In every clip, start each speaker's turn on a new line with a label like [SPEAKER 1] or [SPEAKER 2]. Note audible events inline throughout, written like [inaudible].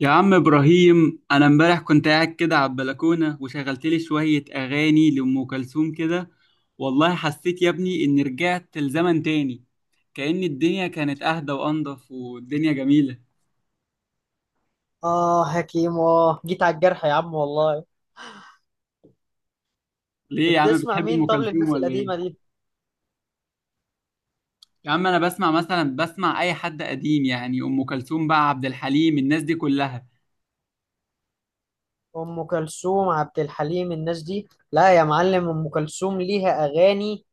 [SPEAKER 1] يا عم إبراهيم، أنا إمبارح كنت قاعد كده على البلكونة وشغلت لي شوية أغاني لأم كلثوم كده. والله حسيت يا ابني إني رجعت لزمن تاني، كأن الدنيا كانت أهدى وأنضف والدنيا جميلة.
[SPEAKER 2] اه حكيم، جيت على الجرح يا عم والله.
[SPEAKER 1] ليه يا عم،
[SPEAKER 2] بتسمع
[SPEAKER 1] بتحب
[SPEAKER 2] مين؟
[SPEAKER 1] أم
[SPEAKER 2] طب
[SPEAKER 1] كلثوم
[SPEAKER 2] للناس
[SPEAKER 1] ولا إيه؟
[SPEAKER 2] القديمة دي؟
[SPEAKER 1] يا عم أنا بسمع مثلا، بسمع أي حد قديم، يعني أم كلثوم بقى، عبد الحليم، الناس دي كلها.
[SPEAKER 2] ام كلثوم، عبد الحليم، الناس دي؟ لا يا معلم، ام كلثوم ليها اغاني.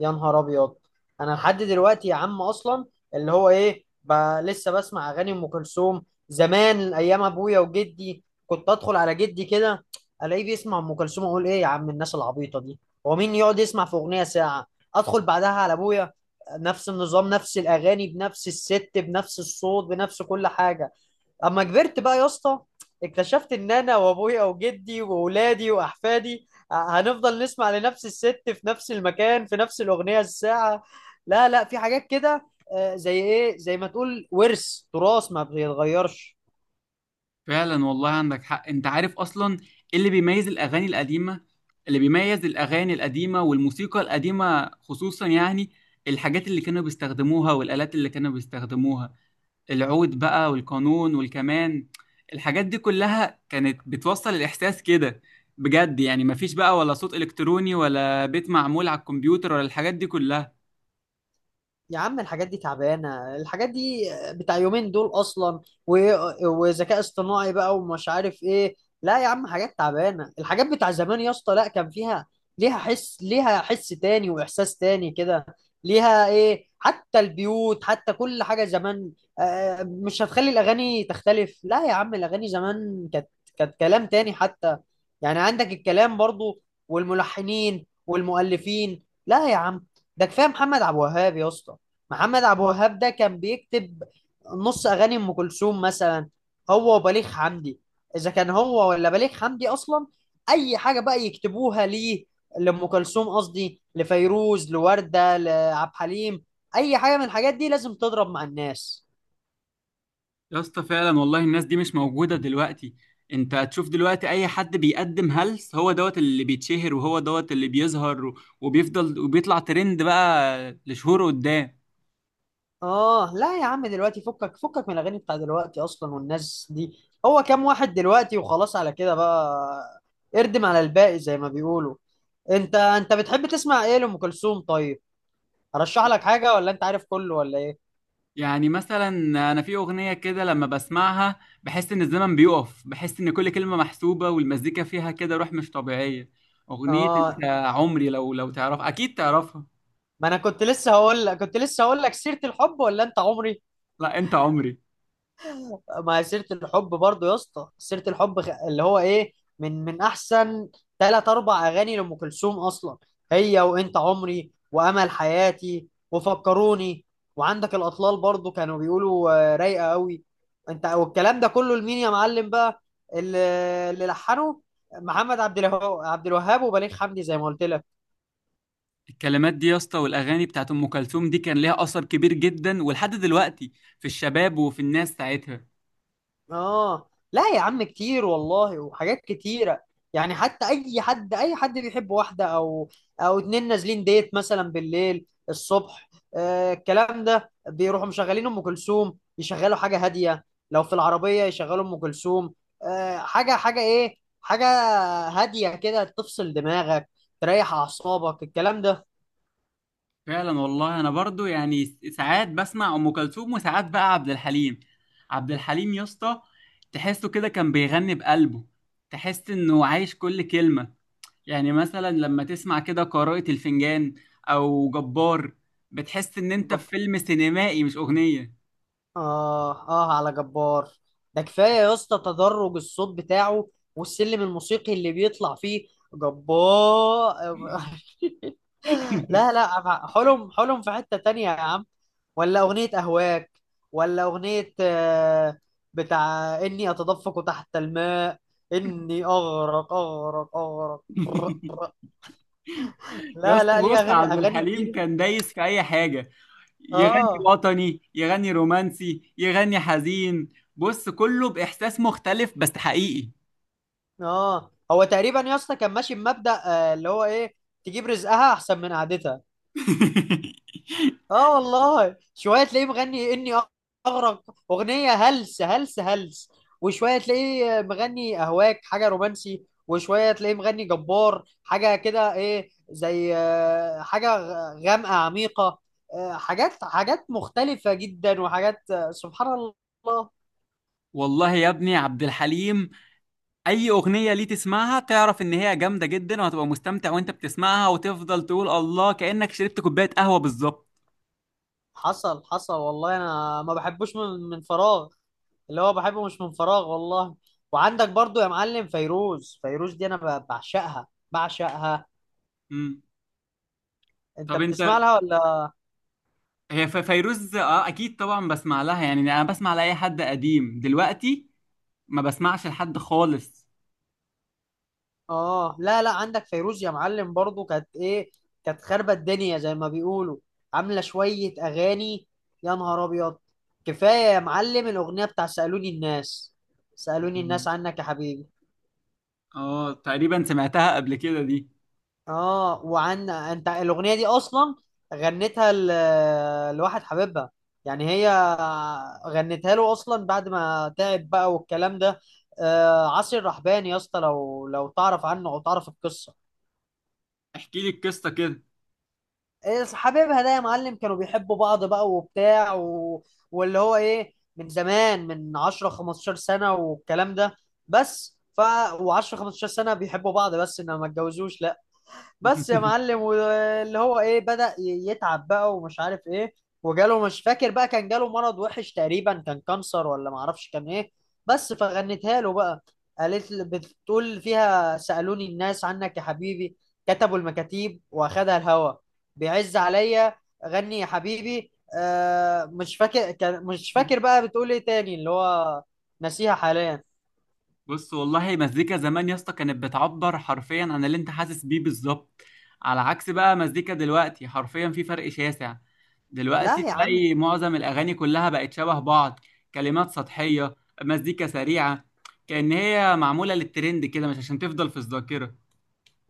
[SPEAKER 2] يا نهار ابيض! انا لحد دلوقتي يا عم اصلا، اللي هو ايه، لسه بسمع اغاني ام كلثوم. زمان، ايام ابويا وجدي، كنت ادخل على جدي كده الاقيه بيسمع ام كلثوم، اقول: ايه يا عم الناس العبيطه دي؟ هو مين يقعد يسمع في اغنيه ساعه؟ ادخل بعدها على ابويا، نفس النظام، نفس الاغاني، بنفس الست، بنفس الصوت، بنفس كل حاجه. اما كبرت بقى يا اسطى، اكتشفت ان انا وابويا وجدي واولادي واحفادي هنفضل نسمع لنفس الست في نفس المكان في نفس الاغنيه الساعه. لا، لا، في حاجات كده. آه، زي ايه، زي ما تقول ورث تراث ما بيتغيرش.
[SPEAKER 1] فعلا والله عندك حق، انت عارف اصلا ايه اللي بيميز الاغاني القديمه؟ اللي بيميز الاغاني القديمه والموسيقى القديمه خصوصا يعني الحاجات اللي كانوا بيستخدموها والالات اللي كانوا بيستخدموها، العود بقى والقانون والكمان. الحاجات دي كلها كانت بتوصل الاحساس كده بجد، يعني مفيش بقى ولا صوت الكتروني ولا بيت معمول على الكمبيوتر ولا الحاجات دي كلها.
[SPEAKER 2] يا عم، الحاجات دي تعبانة، الحاجات دي بتاع يومين دول أصلا، وذكاء اصطناعي بقى ومش عارف إيه. لا يا عم، حاجات تعبانة، الحاجات بتاع زمان يا اسطى، لا، كان فيها، ليها حس، ليها حس تاني وإحساس تاني كده. ليها إيه، حتى البيوت، حتى كل حاجة زمان. آه، مش هتخلي الأغاني تختلف؟ لا يا عم، الأغاني زمان كانت كلام تاني حتى. يعني عندك الكلام برضو، والملحنين والمؤلفين، لا يا عم، ده كفاية محمد عبد الوهاب يا اسطى. محمد عبد الوهاب ده كان بيكتب نص اغاني ام كلثوم مثلا، هو وبليغ حمدي، اذا كان هو ولا بليغ حمدي اصلا. اي حاجه بقى يكتبوها ليه، لام كلثوم، قصدي لفيروز، لورده، لعبد الحليم، اي حاجه من الحاجات دي لازم تضرب مع الناس.
[SPEAKER 1] يا اسطى فعلا والله الناس دي مش موجودة دلوقتي. انت هتشوف دلوقتي اي حد بيقدم هلس هو دوت اللي بيتشهر وهو دوت اللي بيظهر وبيفضل وبيطلع ترند بقى لشهور قدام.
[SPEAKER 2] اه، لا يا عم، دلوقتي فكك فكك من الاغاني بتاع دلوقتي اصلا والناس دي. هو كام واحد دلوقتي وخلاص، على كده بقى، اردم على الباقي زي ما بيقولوا. انت بتحب تسمع ايه لام كلثوم؟ طيب، ارشح لك حاجه ولا انت عارف كله ولا ايه؟
[SPEAKER 1] يعني مثلا، انا في اغنية كده لما بسمعها بحس ان الزمن بيقف، بحس ان كل كلمة محسوبة والمزيكا فيها كده روح مش طبيعية. اغنية انت
[SPEAKER 2] اه،
[SPEAKER 1] عمري، لو تعرف اكيد تعرفها.
[SPEAKER 2] ما انا كنت لسه هقول لك سيره الحب ولا انت عمري.
[SPEAKER 1] لا، انت عمري.
[SPEAKER 2] ما هي سيره الحب برضو يا اسطى، سيره الحب اللي هو ايه، من احسن ثلاث اربع اغاني لام كلثوم اصلا، هي وانت عمري وامل حياتي وفكروني. وعندك الاطلال برضو، كانوا بيقولوا آه، رايقه قوي. انت والكلام ده كله لمين يا معلم بقى؟ اللي، اللي لحنه محمد عبد الوهاب، عبد الوهاب وبليغ حمدي زي ما قلت لك.
[SPEAKER 1] الكلمات دي يا اسطى والاغاني بتاعت ام كلثوم دي كان ليها اثر كبير جدا ولحد دلوقتي في الشباب وفي الناس ساعتها.
[SPEAKER 2] اه، لا يا عم، كتير والله، وحاجات كتيرة. يعني حتى اي حد، اي حد بيحب واحدة او، او اتنين نازلين ديت مثلا بالليل الصبح، آه، الكلام ده، بيروحوا مشغلين ام كلثوم، يشغلوا حاجة هادية، لو في العربية يشغلوا ام كلثوم. آه، حاجة، حاجة ايه، حاجة هادية كده تفصل دماغك، تريح اعصابك الكلام
[SPEAKER 1] فعلا والله انا برضو يعني ساعات بسمع ام كلثوم وساعات بقى عبد الحليم. عبد الحليم يا اسطى تحسه كده كان بيغني بقلبه، تحس انه عايش كل كلمة. يعني مثلا لما تسمع كده قراءة الفنجان او جبار، بتحس ان انت
[SPEAKER 2] ده.
[SPEAKER 1] في فيلم سينمائي مش اغنية.
[SPEAKER 2] آه، آه، على جبار، ده كفاية يا اسطى تدرج الصوت بتاعه والسلم الموسيقي اللي بيطلع فيه. جبار! [laughs] لا،
[SPEAKER 1] [laughs]
[SPEAKER 2] لا، حلم، حلم في حتة تانية يا عم، ولا أغنية أهواك، ولا أغنية بتاع إني أتدفق تحت الماء، إني أغرق أغرق أغرق، بر بر.
[SPEAKER 1] يا
[SPEAKER 2] لا،
[SPEAKER 1] اسطى
[SPEAKER 2] لا، ليه،
[SPEAKER 1] بص،
[SPEAKER 2] أغاني،
[SPEAKER 1] عبد
[SPEAKER 2] أغاني
[SPEAKER 1] الحليم
[SPEAKER 2] كتير.
[SPEAKER 1] كان دايس في اي حاجة، يغني
[SPEAKER 2] آه.
[SPEAKER 1] وطني، يغني رومانسي، يغني حزين. بص كله بإحساس مختلف بس حقيقي.
[SPEAKER 2] آه، هو تقريبا يا اسطى كان ماشي بمبدأ اللي هو إيه، تجيب رزقها أحسن من قعدتها.
[SPEAKER 1] [laughs]
[SPEAKER 2] اه والله، شويه تلاقيه مغني: اني اغرق، اغنيه هلس هلس هلس، وشويه تلاقيه مغني اهواك، حاجه رومانسي، وشويه تلاقيه مغني جبار، حاجه كده، ايه، زي حاجه غامقه عميقه. حاجات، حاجات مختلفه جدا، وحاجات سبحان الله.
[SPEAKER 1] والله يا ابني عبد الحليم أي أغنية ليه تسمعها تعرف إن هي جامدة جدا، وهتبقى مستمتع وأنت بتسمعها وتفضل تقول الله، كأنك شربت كوباية قهوة بالظبط.
[SPEAKER 2] حصل، حصل والله، انا ما بحبوش من فراغ، اللي هو بحبه مش من فراغ والله. وعندك برضو يا معلم فيروز، فيروز دي انا بعشقها، بعشقها.
[SPEAKER 1] مم.
[SPEAKER 2] انت
[SPEAKER 1] طب
[SPEAKER 2] بتسمع
[SPEAKER 1] أنت،
[SPEAKER 2] لها ولا؟
[SPEAKER 1] هي فيروز أه أكيد طبعا بسمع لها، يعني أنا بسمع لأي حد قديم دلوقتي، ما بسمعش لحد خالص.
[SPEAKER 2] اه، لا، لا، عندك فيروز يا معلم برضو، كانت ايه، كانت خاربة الدنيا زي ما بيقولوا، عاملة شوية اغاني، يا نهار ابيض! كفاية يا معلم الاغنية بتاع سألوني الناس. سألوني
[SPEAKER 1] مم.
[SPEAKER 2] الناس عنك يا حبيبي.
[SPEAKER 1] اه تقريبا سمعتها قبل كده دي.
[SPEAKER 2] اه، وعن انت، الاغنية دي اصلا غنتها لواحد حبيبها، يعني هي غنتها له اصلا بعد ما تعب بقى والكلام ده. آه، عاصي الرحباني يا اسطى، لو تعرف عنه او تعرف القصة.
[SPEAKER 1] احكي لي القصه كده.
[SPEAKER 2] إيه، حبايبها ده يا معلم كانوا بيحبوا بعض بقى، وبتاع واللي هو ايه، من زمان، من 10 15 سنة والكلام ده. بس، و10 15 سنة بيحبوا بعض، بس انما ما اتجوزوش، لا، بس يا
[SPEAKER 1] [laughs]
[SPEAKER 2] معلم، واللي هو ايه، بدأ يتعب بقى ومش عارف ايه، وجاله، مش فاكر بقى، كان جاله مرض وحش تقريبا، كان كانسر ولا معرفش كان ايه. بس فغنتها له بقى، قالت بتقول فيها: سألوني الناس عنك يا حبيبي، كتبوا المكاتيب واخدها الهوا، بيعز عليا، غني يا حبيبي. مش فاكر، كان مش فاكر بقى بتقول ايه تاني، اللي هو، نسيها حاليا.
[SPEAKER 1] بص والله مزيكا زمان يا اسطى كانت بتعبر حرفيا عن اللي انت حاسس بيه بالظبط، على عكس بقى مزيكا دلوقتي، حرفيا في فرق شاسع.
[SPEAKER 2] لا
[SPEAKER 1] دلوقتي
[SPEAKER 2] يا عم،
[SPEAKER 1] تلاقي معظم الاغاني كلها بقت شبه بعض، كلمات سطحيه، مزيكا سريعه، كأن هي معموله للترند كده مش عشان تفضل في الذاكره.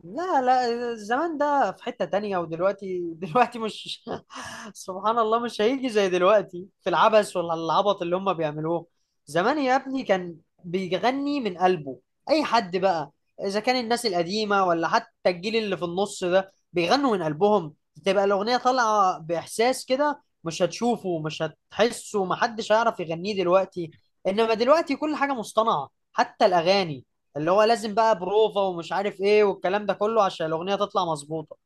[SPEAKER 2] لا، لا، الزمان ده في حتة تانية، ودلوقتي، دلوقتي مش [laughs] سبحان الله مش هيجي زي دلوقتي في العبث ولا العبط اللي هم بيعملوه. زمان يا ابني كان بيغني من قلبه، اي حد بقى، اذا كان الناس القديمة ولا حتى الجيل اللي في النص ده بيغنوا من قلبهم، تبقى الأغنية طالعة بإحساس كده، مش هتشوفه، مش هتحسه، محدش هيعرف يغنيه دلوقتي. انما دلوقتي كل حاجة مصطنعة، حتى الأغاني، اللي هو لازم بقى بروفا ومش عارف ايه والكلام ده كله عشان الاغنيه تطلع مظبوطه.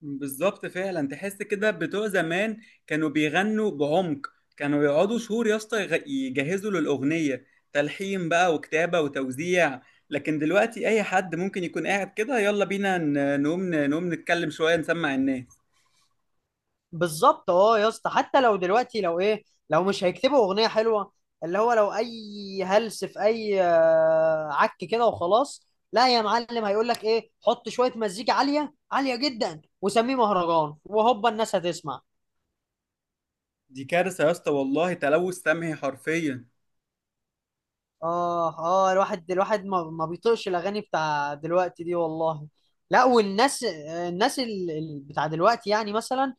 [SPEAKER 1] بالظبط فعلا تحس كده بتوع زمان كانوا بيغنوا بعمق، كانوا يقعدوا شهور يا اسطى يجهزوا للأغنية، تلحين بقى وكتابة وتوزيع. لكن دلوقتي أي حد ممكن يكون قاعد كده يلا بينا نقوم نتكلم شوية نسمع الناس.
[SPEAKER 2] بالظبط اه يا اسطى، حتى لو دلوقتي، لو ايه، لو مش هيكتبوا اغنيه حلوه، اللي هو لو اي هلس، في اي عك كده وخلاص. لا يا معلم، هيقول لك ايه: حط شويه مزيكا عاليه عاليه جدا وسميه مهرجان، وهوبا الناس هتسمع.
[SPEAKER 1] دي كارثة يا اسطى والله، تلوث سمعي حرفيا.
[SPEAKER 2] اه، اه، الواحد، الواحد ما بيطيقش الاغاني بتاع دلوقتي دي والله. لا، والناس، الناس بتاع دلوقتي، يعني مثلا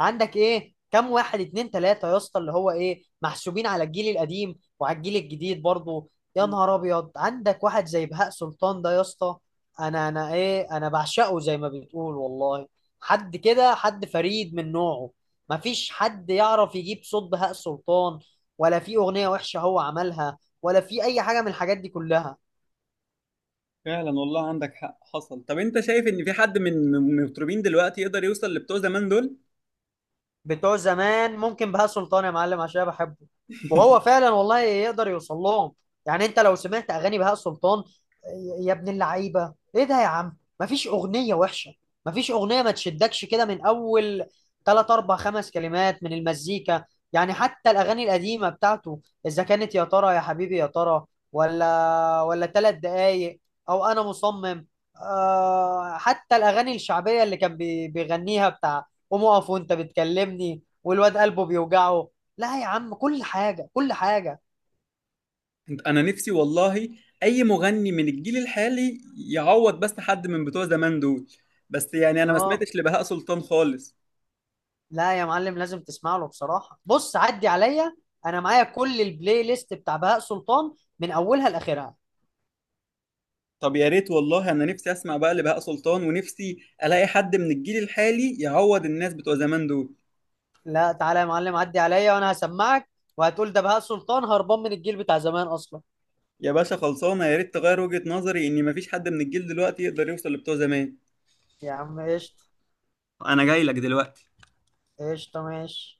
[SPEAKER 2] عندك ايه، كم واحد، اتنين، تلاتة يا اسطى، اللي هو ايه، محسوبين على الجيل القديم وعلى الجيل الجديد برضه. يا نهار ابيض، عندك واحد زي بهاء سلطان ده يا اسطى، انا، انا ايه، انا بعشقه زي ما بتقول والله. حد كده، حد فريد من نوعه، مفيش حد يعرف يجيب صوت بهاء سلطان، ولا في اغنية وحشة هو عملها، ولا في اي حاجة من الحاجات دي كلها.
[SPEAKER 1] فعلا والله عندك حق حصل. طب انت شايف ان في حد من المطربين دلوقتي يقدر يوصل لبتوع زمان دول؟
[SPEAKER 2] بتوع زمان ممكن بهاء سلطان يا معلم عشان أنا بحبه، وهو فعلا والله يقدر يوصل لهم. يعني انت لو سمعت اغاني بهاء سلطان، يا ابن اللعيبه، ايه ده يا عم، مفيش اغنيه وحشه، مفيش اغنيه ما تشدكش كده من اول ثلاث اربع خمس كلمات من المزيكا. يعني حتى الاغاني القديمه بتاعته، اذا كانت يا ترى يا حبيبي يا ترى، ولا ثلاث دقايق، او انا مصمم. آه، حتى الاغاني الشعبيه اللي كان بيغنيها، بتاع قوم اقف وانت بتكلمني، والواد قلبه بيوجعه. لا يا عم، كل حاجه، كل حاجه.
[SPEAKER 1] انا نفسي والله اي مغني من الجيل الحالي يعوض بس حد من بتوع زمان دول، بس يعني انا ما
[SPEAKER 2] اه،
[SPEAKER 1] سمعتش لبهاء سلطان خالص.
[SPEAKER 2] لا يا معلم، لازم تسمع له بصراحه، بص عدي عليا، انا معايا كل البلاي ليست بتاع بهاء سلطان من اولها لاخرها.
[SPEAKER 1] طب يا ريت والله، انا نفسي اسمع بقى لبهاء سلطان ونفسي الاقي حد من الجيل الحالي يعوض الناس بتوع زمان دول.
[SPEAKER 2] لا، تعالى يا معلم عدي عليا وانا هسمعك، وهتقول ده بهاء سلطان هربان من الجيل بتاع زمان اصلا.
[SPEAKER 1] يا باشا خلصانه، يا ريت تغير وجهة نظري ان مفيش حد من الجيل دلوقتي يقدر يوصل لبتوع زمان.
[SPEAKER 2] يا عم قشطه،
[SPEAKER 1] انا جاي لك دلوقتي.
[SPEAKER 2] قشطه ماشي.